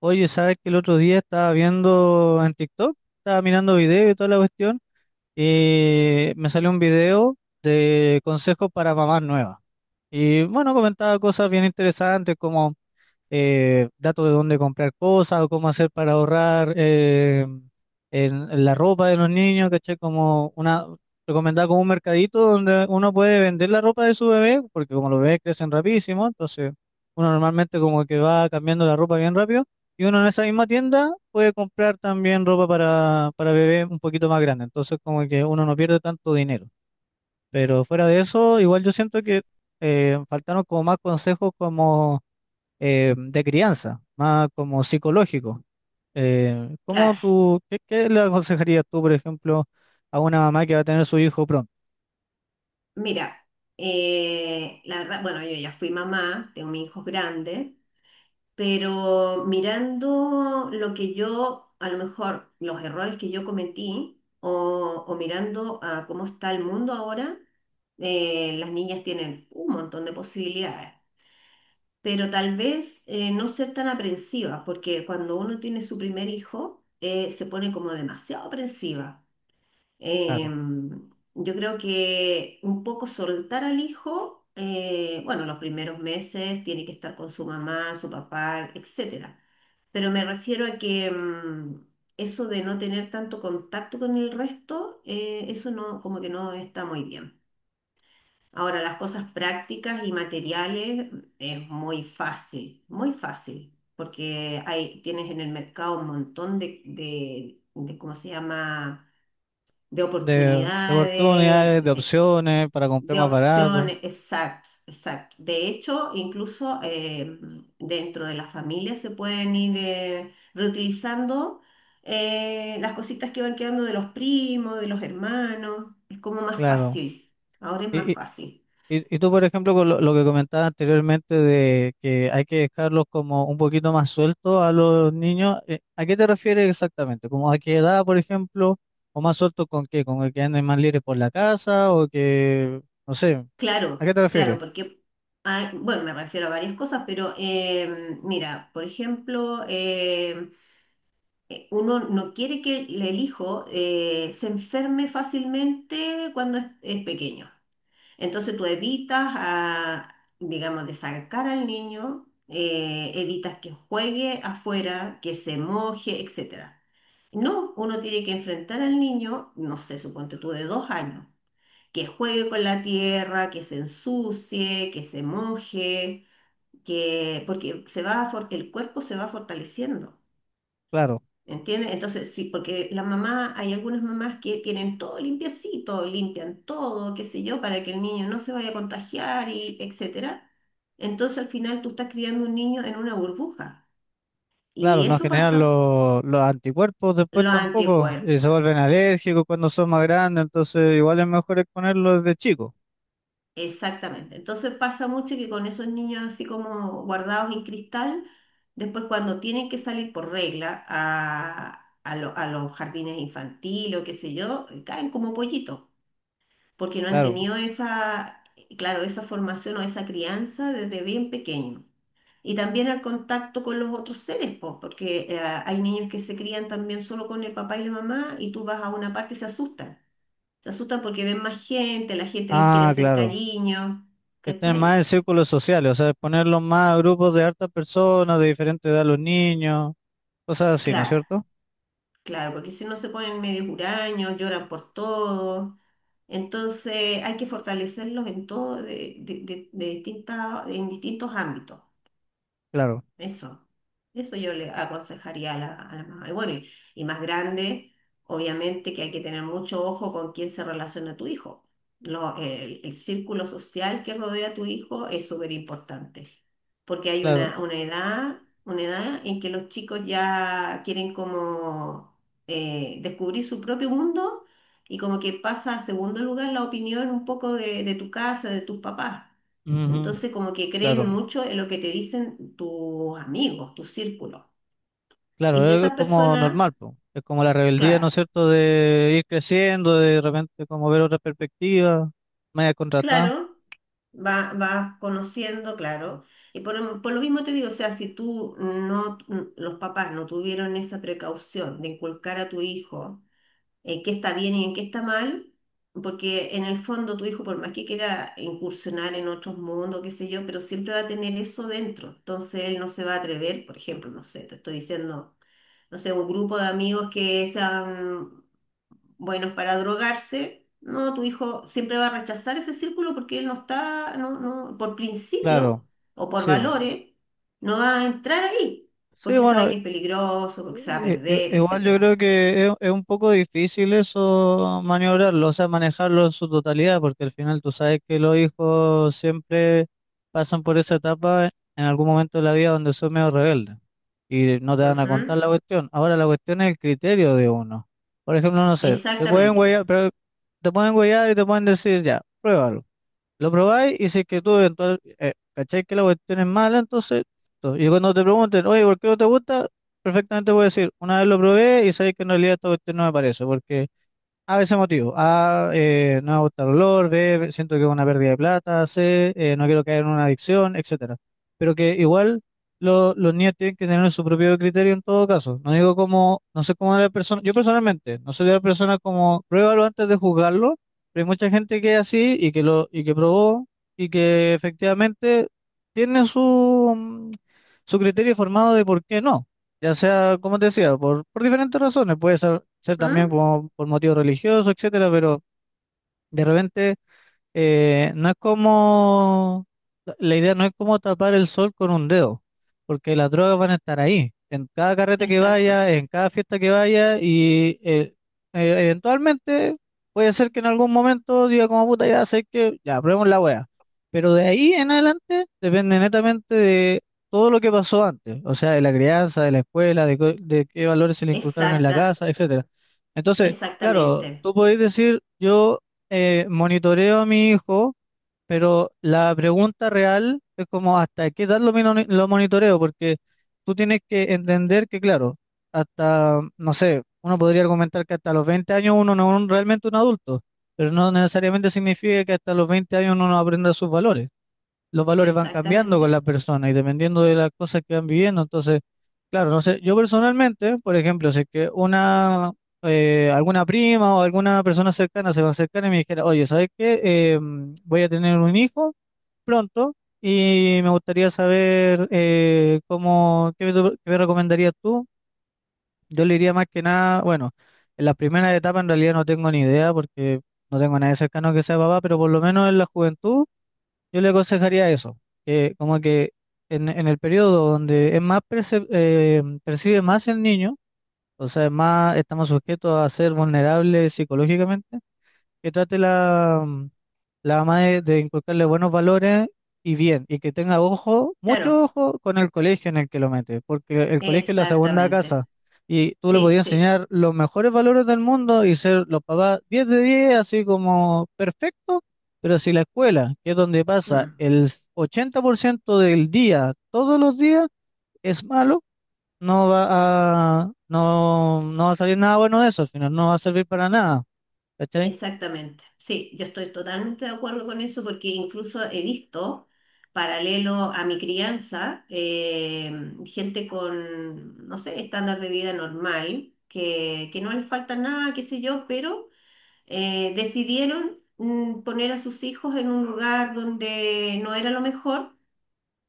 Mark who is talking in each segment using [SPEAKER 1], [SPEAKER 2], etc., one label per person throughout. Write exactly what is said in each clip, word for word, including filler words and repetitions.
[SPEAKER 1] Oye, ¿sabes que el otro día estaba viendo en TikTok? Estaba mirando videos y toda la cuestión. Y me salió un video de consejos para mamás nuevas. Y bueno, comentaba cosas bien interesantes como eh, datos de dónde comprar cosas o cómo hacer para ahorrar eh, en, en la ropa de los niños, ¿cachai? Como una, recomendada como un mercadito donde uno puede vender la ropa de su bebé, porque como los bebés crecen rapidísimo, entonces uno normalmente como que va cambiando la ropa bien rápido, y uno en esa misma tienda puede comprar también ropa para, para bebé un poquito más grande, entonces como que uno no pierde tanto dinero. Pero fuera de eso, igual yo siento que eh, faltaron como más consejos como eh, de crianza, más como psicológico. Eh, ¿cómo
[SPEAKER 2] Claro,
[SPEAKER 1] tú, qué, qué le aconsejarías tú, por ejemplo, a una mamá que va a tener su hijo pronto?
[SPEAKER 2] mira, eh, la verdad, bueno, yo ya fui mamá, tengo mis hijos grandes, pero mirando lo que yo, a lo mejor los errores que yo cometí, o, o mirando a cómo está el mundo ahora, eh, las niñas tienen un montón de posibilidades, pero tal vez eh, no ser tan aprensiva, porque cuando uno tiene su primer hijo, eh, se pone como demasiado aprensiva.
[SPEAKER 1] Claro,
[SPEAKER 2] Em, yo creo que un poco soltar al hijo, eh, bueno, los primeros meses tiene que estar con su mamá, su papá, etcétera. Pero me refiero a que mm, eso de no tener tanto contacto con el resto, eh, eso no, como que no está muy bien. Ahora, las cosas prácticas y materiales mm, es muy fácil, muy fácil, porque hay, tienes en el mercado un montón de, de, de ¿cómo se llama? De
[SPEAKER 1] de, de
[SPEAKER 2] oportunidades,
[SPEAKER 1] oportunidades, de
[SPEAKER 2] eh,
[SPEAKER 1] opciones para comprar
[SPEAKER 2] de
[SPEAKER 1] más barato,
[SPEAKER 2] opciones, exacto, exacto. De hecho, incluso eh, dentro de la familia se pueden ir eh, reutilizando eh, las cositas que van quedando de los primos, de los hermanos. Es como más
[SPEAKER 1] claro.
[SPEAKER 2] fácil, ahora es más
[SPEAKER 1] Y, y,
[SPEAKER 2] fácil.
[SPEAKER 1] y y tú, por ejemplo, con lo, lo que comentabas anteriormente de que hay que dejarlos como un poquito más sueltos a los niños, eh, ¿a qué te refieres exactamente? ¿Como a qué edad, por ejemplo? ¿O más sueltos con qué? ¿Con el que anden más libres por la casa? ¿O que, no sé, ¿a
[SPEAKER 2] Claro,
[SPEAKER 1] qué te refieres?
[SPEAKER 2] claro, porque, hay- bueno, me refiero a varias cosas, pero eh, mira, por ejemplo, eh, eh, uno no quiere que el el hijo eh, se enferme fácilmente cuando es, es pequeño. Entonces tú evitas, a, digamos, de sacar al niño, eh, evitas que juegue afuera, que se moje, etcétera. No, uno tiene que enfrentar al niño, no sé, suponte tú de dos años, que juegue con la tierra, que se ensucie, que se moje, que, porque se va a for- el cuerpo se va fortaleciendo.
[SPEAKER 1] Claro,
[SPEAKER 2] ¿Entiendes? Entonces, sí, porque la mamá, hay algunas mamás que tienen todo limpiecito, limpian todo, qué sé yo, para que el niño no se vaya a contagiar y etcétera. Entonces, al final tú estás criando un niño en una burbuja.
[SPEAKER 1] claro,
[SPEAKER 2] Y
[SPEAKER 1] no
[SPEAKER 2] eso
[SPEAKER 1] generan
[SPEAKER 2] pasa
[SPEAKER 1] lo- los anticuerpos después
[SPEAKER 2] los
[SPEAKER 1] tampoco, y
[SPEAKER 2] anticuerpos.
[SPEAKER 1] se vuelven alérgicos cuando son más grandes, entonces igual es mejor exponerlos desde chico,
[SPEAKER 2] Exactamente. Entonces pasa mucho que con esos niños así como guardados en cristal, después cuando tienen que salir por regla a, a lo- a los jardines infantiles o qué sé yo, caen como pollitos. Porque no han
[SPEAKER 1] claro.
[SPEAKER 2] tenido esa, claro, esa formación o esa crianza desde bien pequeño. Y también el contacto con los otros seres, po, porque eh, hay niños que se crían también solo con el papá y la mamá y tú vas a una parte y se asustan. Se asustan porque ven más gente, la gente les quiere
[SPEAKER 1] Ah,
[SPEAKER 2] hacer
[SPEAKER 1] claro,
[SPEAKER 2] cariño,
[SPEAKER 1] que estén más
[SPEAKER 2] ¿cachai?
[SPEAKER 1] en círculos sociales, o sea, exponerlos más a grupos de hartas personas, de diferente edad los niños, cosas así, ¿no es
[SPEAKER 2] Claro,
[SPEAKER 1] cierto?
[SPEAKER 2] claro, porque si no se ponen medio huraños, lloran por todo. Entonces hay que fortalecerlos en todo, de, de- de- de distintas, en distintos ámbitos.
[SPEAKER 1] Claro,
[SPEAKER 2] Eso, eso yo le aconsejaría a la, a la mamá. Y bueno, y, y más grande, obviamente que hay que tener mucho ojo con quién se relaciona tu hijo. Lo- el, el círculo social que rodea a tu hijo es súper importante, porque hay
[SPEAKER 1] claro,
[SPEAKER 2] una, una edad, una edad en que los chicos ya quieren como eh, descubrir su propio mundo y como que pasa a segundo lugar la opinión un poco de, de tu casa, de tus papás.
[SPEAKER 1] ujú,
[SPEAKER 2] Entonces, como que creen
[SPEAKER 1] claro,
[SPEAKER 2] mucho en lo que te dicen tus amigos, tu círculo. Y si
[SPEAKER 1] claro, es
[SPEAKER 2] esas
[SPEAKER 1] como
[SPEAKER 2] personas,
[SPEAKER 1] normal, po. Es como la rebeldía, ¿no
[SPEAKER 2] claro,
[SPEAKER 1] es cierto?, de ir creciendo, de repente como ver otra perspectiva, media contratada,
[SPEAKER 2] claro, va- vas conociendo, claro. Y por, por lo mismo te digo, o sea, si tú no, los papás no tuvieron esa precaución de inculcar a tu hijo en qué está bien y en qué está mal, porque en el fondo tu hijo, por más que quiera incursionar en otros mundos, qué sé yo, pero siempre va a tener eso dentro. Entonces él no se va a atrever, por ejemplo, no sé, te estoy diciendo no sé, un grupo de amigos que sean buenos para drogarse, no, tu hijo siempre va a rechazar ese círculo porque él no está, no, no, por
[SPEAKER 1] claro,
[SPEAKER 2] principio o por
[SPEAKER 1] sí.
[SPEAKER 2] valores, no va a entrar ahí,
[SPEAKER 1] Sí,
[SPEAKER 2] porque sabe
[SPEAKER 1] bueno,
[SPEAKER 2] que es peligroso, porque se va a
[SPEAKER 1] i-
[SPEAKER 2] perder,
[SPEAKER 1] i- igual yo creo
[SPEAKER 2] etcétera.
[SPEAKER 1] que es, es un poco difícil eso maniobrarlo, o sea, manejarlo en su totalidad, porque al final tú sabes que los hijos siempre pasan por esa etapa en algún momento de la vida donde son medio rebeldes y no te van a
[SPEAKER 2] Ujú.
[SPEAKER 1] contar la cuestión. Ahora la cuestión es el criterio de uno. Por ejemplo, no sé, te pueden
[SPEAKER 2] Exactamente.
[SPEAKER 1] huellar, pero te pueden huellar y te pueden decir ya, pruébalo. Lo probáis y si es que tú eventual, eh, cachai que la cuestión es mala, entonces, to- y cuando te pregunten, oye, ¿por qué no te gusta? Perfectamente puedes decir, una vez lo probé y sabéis que en realidad esta cuestión no me parece, porque a veces motivo. A, eh, no me gusta el olor, B, siento que es una pérdida de plata, C, eh, no quiero caer en una adicción, etcétera. Pero que igual lo- los niños tienen que tener su propio criterio en todo caso. No digo como, no sé cómo la persona, yo personalmente, no soy de la persona como, pruébalo antes de juzgarlo, pero hay mucha gente que es así y que lo, y que probó y que efectivamente tiene su, mm, su criterio formado de por qué no. Ya sea, como te decía, por, por diferentes razones. Puede ser ser también
[SPEAKER 2] ¿Mm?
[SPEAKER 1] como por motivos religiosos, etcétera, pero de repente eh, no es como, la idea no es como tapar el sol con un dedo, porque las drogas van a estar ahí, en cada carrete que vaya,
[SPEAKER 2] Exacto.
[SPEAKER 1] en cada fiesta que vaya, y eh, eh, eventualmente puede ser que en algún momento diga como puta, ya sé que ya, probemos la wea. Pero de ahí en adelante depende netamente de todo lo que pasó antes, o sea, de la crianza, de la escuela, de, co- de qué valores se le inculcaron en la
[SPEAKER 2] Exacta,
[SPEAKER 1] casa, etcétera. Entonces, claro,
[SPEAKER 2] exactamente.
[SPEAKER 1] tú podés decir, yo eh, monitoreo a mi hijo, pero la pregunta real es como hasta qué edad lo, mino- lo monitoreo, porque tú tienes que entender que, claro, hasta, no sé, uno podría argumentar que hasta los veinte años uno no es un- realmente un adulto, pero no necesariamente significa que hasta los veinte años uno no aprenda sus valores. Los valores van cambiando con la
[SPEAKER 2] Exactamente.
[SPEAKER 1] persona y dependiendo de las cosas que van viviendo, entonces... Claro, no sé, yo personalmente, por ejemplo, si es que una, eh, alguna prima o alguna persona cercana se va a acercar y me dijera, oye, ¿sabes qué? Eh, mm, voy a tener un hijo pronto y me gustaría saber eh, cómo, qué me, tu- qué me recomendarías tú. Yo le diría más que nada, bueno, en las primeras etapas en realidad no tengo ni idea porque no tengo a nadie cercano que sea papá, pero por lo menos en la juventud. Yo le aconsejaría eso, que como que en, en el periodo donde es más perce- eh, percibe más el niño, o sea, es más estamos sujetos a ser vulnerables psicológicamente, que trate la, la mamá de, de inculcarle buenos valores y bien, y que tenga ojo,
[SPEAKER 2] Claro,
[SPEAKER 1] mucho ojo con el colegio en el que lo mete, porque el colegio es la segunda casa
[SPEAKER 2] exactamente.
[SPEAKER 1] y tú le
[SPEAKER 2] Sí,
[SPEAKER 1] podías
[SPEAKER 2] sí.
[SPEAKER 1] enseñar los mejores valores del mundo y ser los papás diez de diez así como perfecto, pero si la escuela, que es donde pasa
[SPEAKER 2] Mm.
[SPEAKER 1] el ochenta por ciento del día, todos los días, es malo, no va a, no, no va a salir nada bueno de eso, al final no va a servir para nada, ¿cachai?
[SPEAKER 2] Exactamente, sí, yo estoy totalmente de acuerdo con eso porque incluso he visto, paralelo a mi crianza, eh, gente con, no sé, estándar de vida normal, que, que no les falta nada, qué sé yo, pero eh, decidieron mm, poner a sus hijos en un lugar donde no era lo mejor,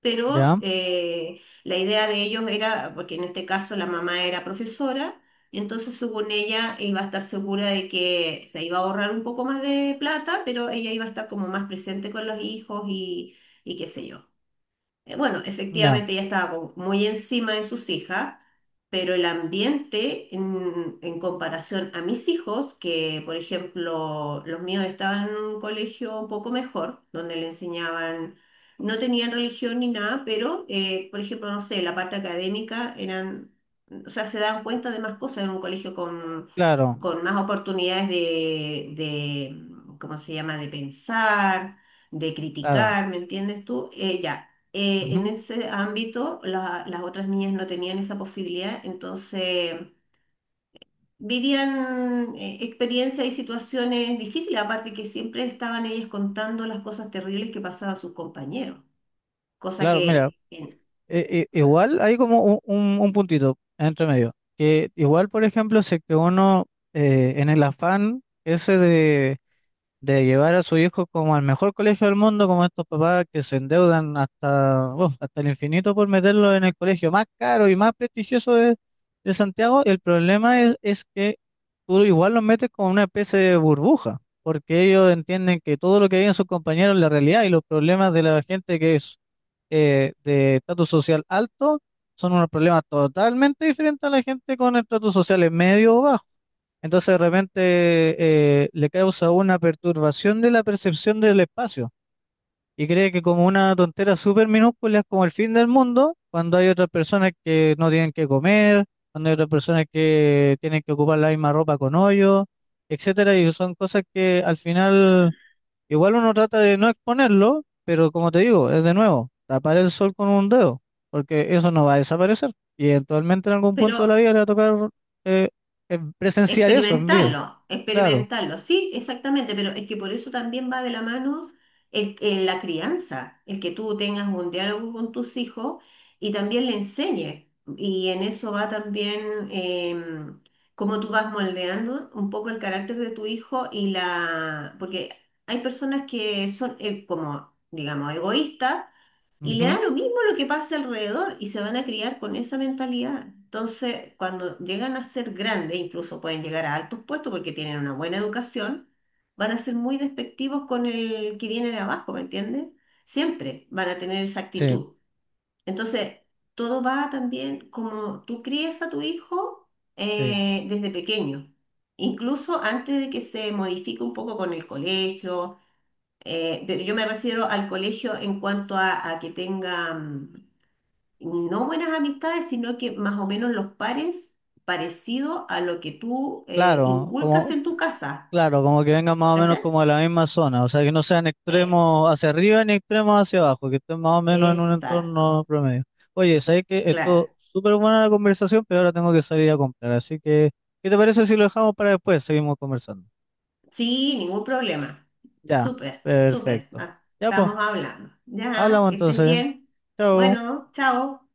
[SPEAKER 2] pero
[SPEAKER 1] ¿Ya?
[SPEAKER 2] eh, la idea de ellos era, porque en este caso la mamá era profesora, entonces según ella iba a estar segura de que se iba a ahorrar un poco más de plata, pero ella iba a estar como más presente con los hijos y, y qué sé yo. Eh, Bueno,
[SPEAKER 1] No,
[SPEAKER 2] efectivamente ella estaba como muy encima de sus hijas, pero el ambiente en, en comparación a mis hijos, que por ejemplo los míos estaban en un colegio un poco mejor, donde le enseñaban, no tenían religión ni nada, pero eh, por ejemplo, no sé, la parte académica eran, o sea, se dan cuenta de más cosas en un colegio con,
[SPEAKER 1] claro,
[SPEAKER 2] con más oportunidades de, de, ¿cómo se llama? De pensar, de
[SPEAKER 1] claro.
[SPEAKER 2] criticar, ¿me entiendes tú? Eh, ya, eh,
[SPEAKER 1] Ujú.
[SPEAKER 2] en ese ámbito la- las otras niñas no tenían esa posibilidad, entonces vivían eh, experiencias y situaciones difíciles, aparte que siempre estaban ellas contando las cosas terribles que pasaban a sus compañeros, cosa
[SPEAKER 1] Claro, mira,
[SPEAKER 2] que, en-
[SPEAKER 1] eh, eh, igual hay como un, un- un puntito entre medio, que igual, por ejemplo, si es que uno eh, en el afán ese de llevar a su hijo como al mejor colegio del mundo, como estos papás que se endeudan hasta, uf, hasta el infinito por meterlo en el colegio más caro y más prestigioso de, de Santiago, el problema es, es que tú igual los metes como una especie de burbuja, porque ellos entienden que todo lo que viven sus compañeros es la realidad y los problemas de la gente que es eh, de estatus social alto son unos problemas totalmente diferentes a la gente con estatus social medio o bajo. Entonces de repente eh, le causa una perturbación de la percepción del espacio y cree que como una tontera súper minúscula es como el fin del mundo, cuando hay otras personas que no tienen que comer, cuando hay otras personas que tienen que ocupar la misma ropa con hoyo, etcétera, y son cosas que al final igual uno trata de no exponerlo, pero como te digo, es de nuevo, tapar el sol con un dedo, porque eso no va a desaparecer y eventualmente en algún punto de la
[SPEAKER 2] pero
[SPEAKER 1] vida le va a tocar eh, eh, presenciar eso en vida.
[SPEAKER 2] experimentarlo,
[SPEAKER 1] Claro,
[SPEAKER 2] experimentarlo, sí, exactamente, pero es que por eso también va de la mano el, el- la crianza, el que tú tengas un diálogo con tus hijos y también le enseñes. Y en eso va también em, cómo tú vas moldeando un poco el carácter de tu hijo y la... Porque hay personas que son eh, como, digamos, egoístas y le
[SPEAKER 1] ujú.
[SPEAKER 2] da lo mismo lo que pase alrededor y se van a criar con esa mentalidad. Entonces, cuando llegan a ser grandes, incluso pueden llegar a altos puestos porque tienen una buena educación, van a ser muy despectivos con el que viene de abajo, ¿me entiendes? Siempre van a tener esa
[SPEAKER 1] Sí,
[SPEAKER 2] actitud. Entonces, todo va también como tú crías a tu hijo
[SPEAKER 1] sí,
[SPEAKER 2] eh, desde pequeño, incluso antes de que se modifique un poco con el colegio, eh, pero yo me refiero al colegio en cuanto a, a que tenga mm, no buenas amistades, sino que más o menos los pares parecido a lo que tú eh,
[SPEAKER 1] claro,
[SPEAKER 2] inculcas
[SPEAKER 1] como,
[SPEAKER 2] en tu casa.
[SPEAKER 1] claro, como que vengan más o menos
[SPEAKER 2] ¿Cachai?
[SPEAKER 1] como de la misma zona, o sea, que no sean
[SPEAKER 2] Eh,
[SPEAKER 1] extremos hacia arriba ni extremos hacia abajo, que estén más o menos en un
[SPEAKER 2] exacto,
[SPEAKER 1] entorno promedio. Oye, sabes que
[SPEAKER 2] claro.
[SPEAKER 1] esto súper buena la conversación, pero ahora tengo que salir a comprar, así que, ¿qué te parece si lo dejamos para después? Seguimos conversando.
[SPEAKER 2] Sí, ningún problema.
[SPEAKER 1] Ya,
[SPEAKER 2] Súper, súper.
[SPEAKER 1] perfecto.
[SPEAKER 2] Ah,
[SPEAKER 1] Ya, pues,
[SPEAKER 2] estamos hablando. Ya,
[SPEAKER 1] hablamos
[SPEAKER 2] que estés
[SPEAKER 1] entonces.
[SPEAKER 2] bien.
[SPEAKER 1] Chao.
[SPEAKER 2] Bueno, chao.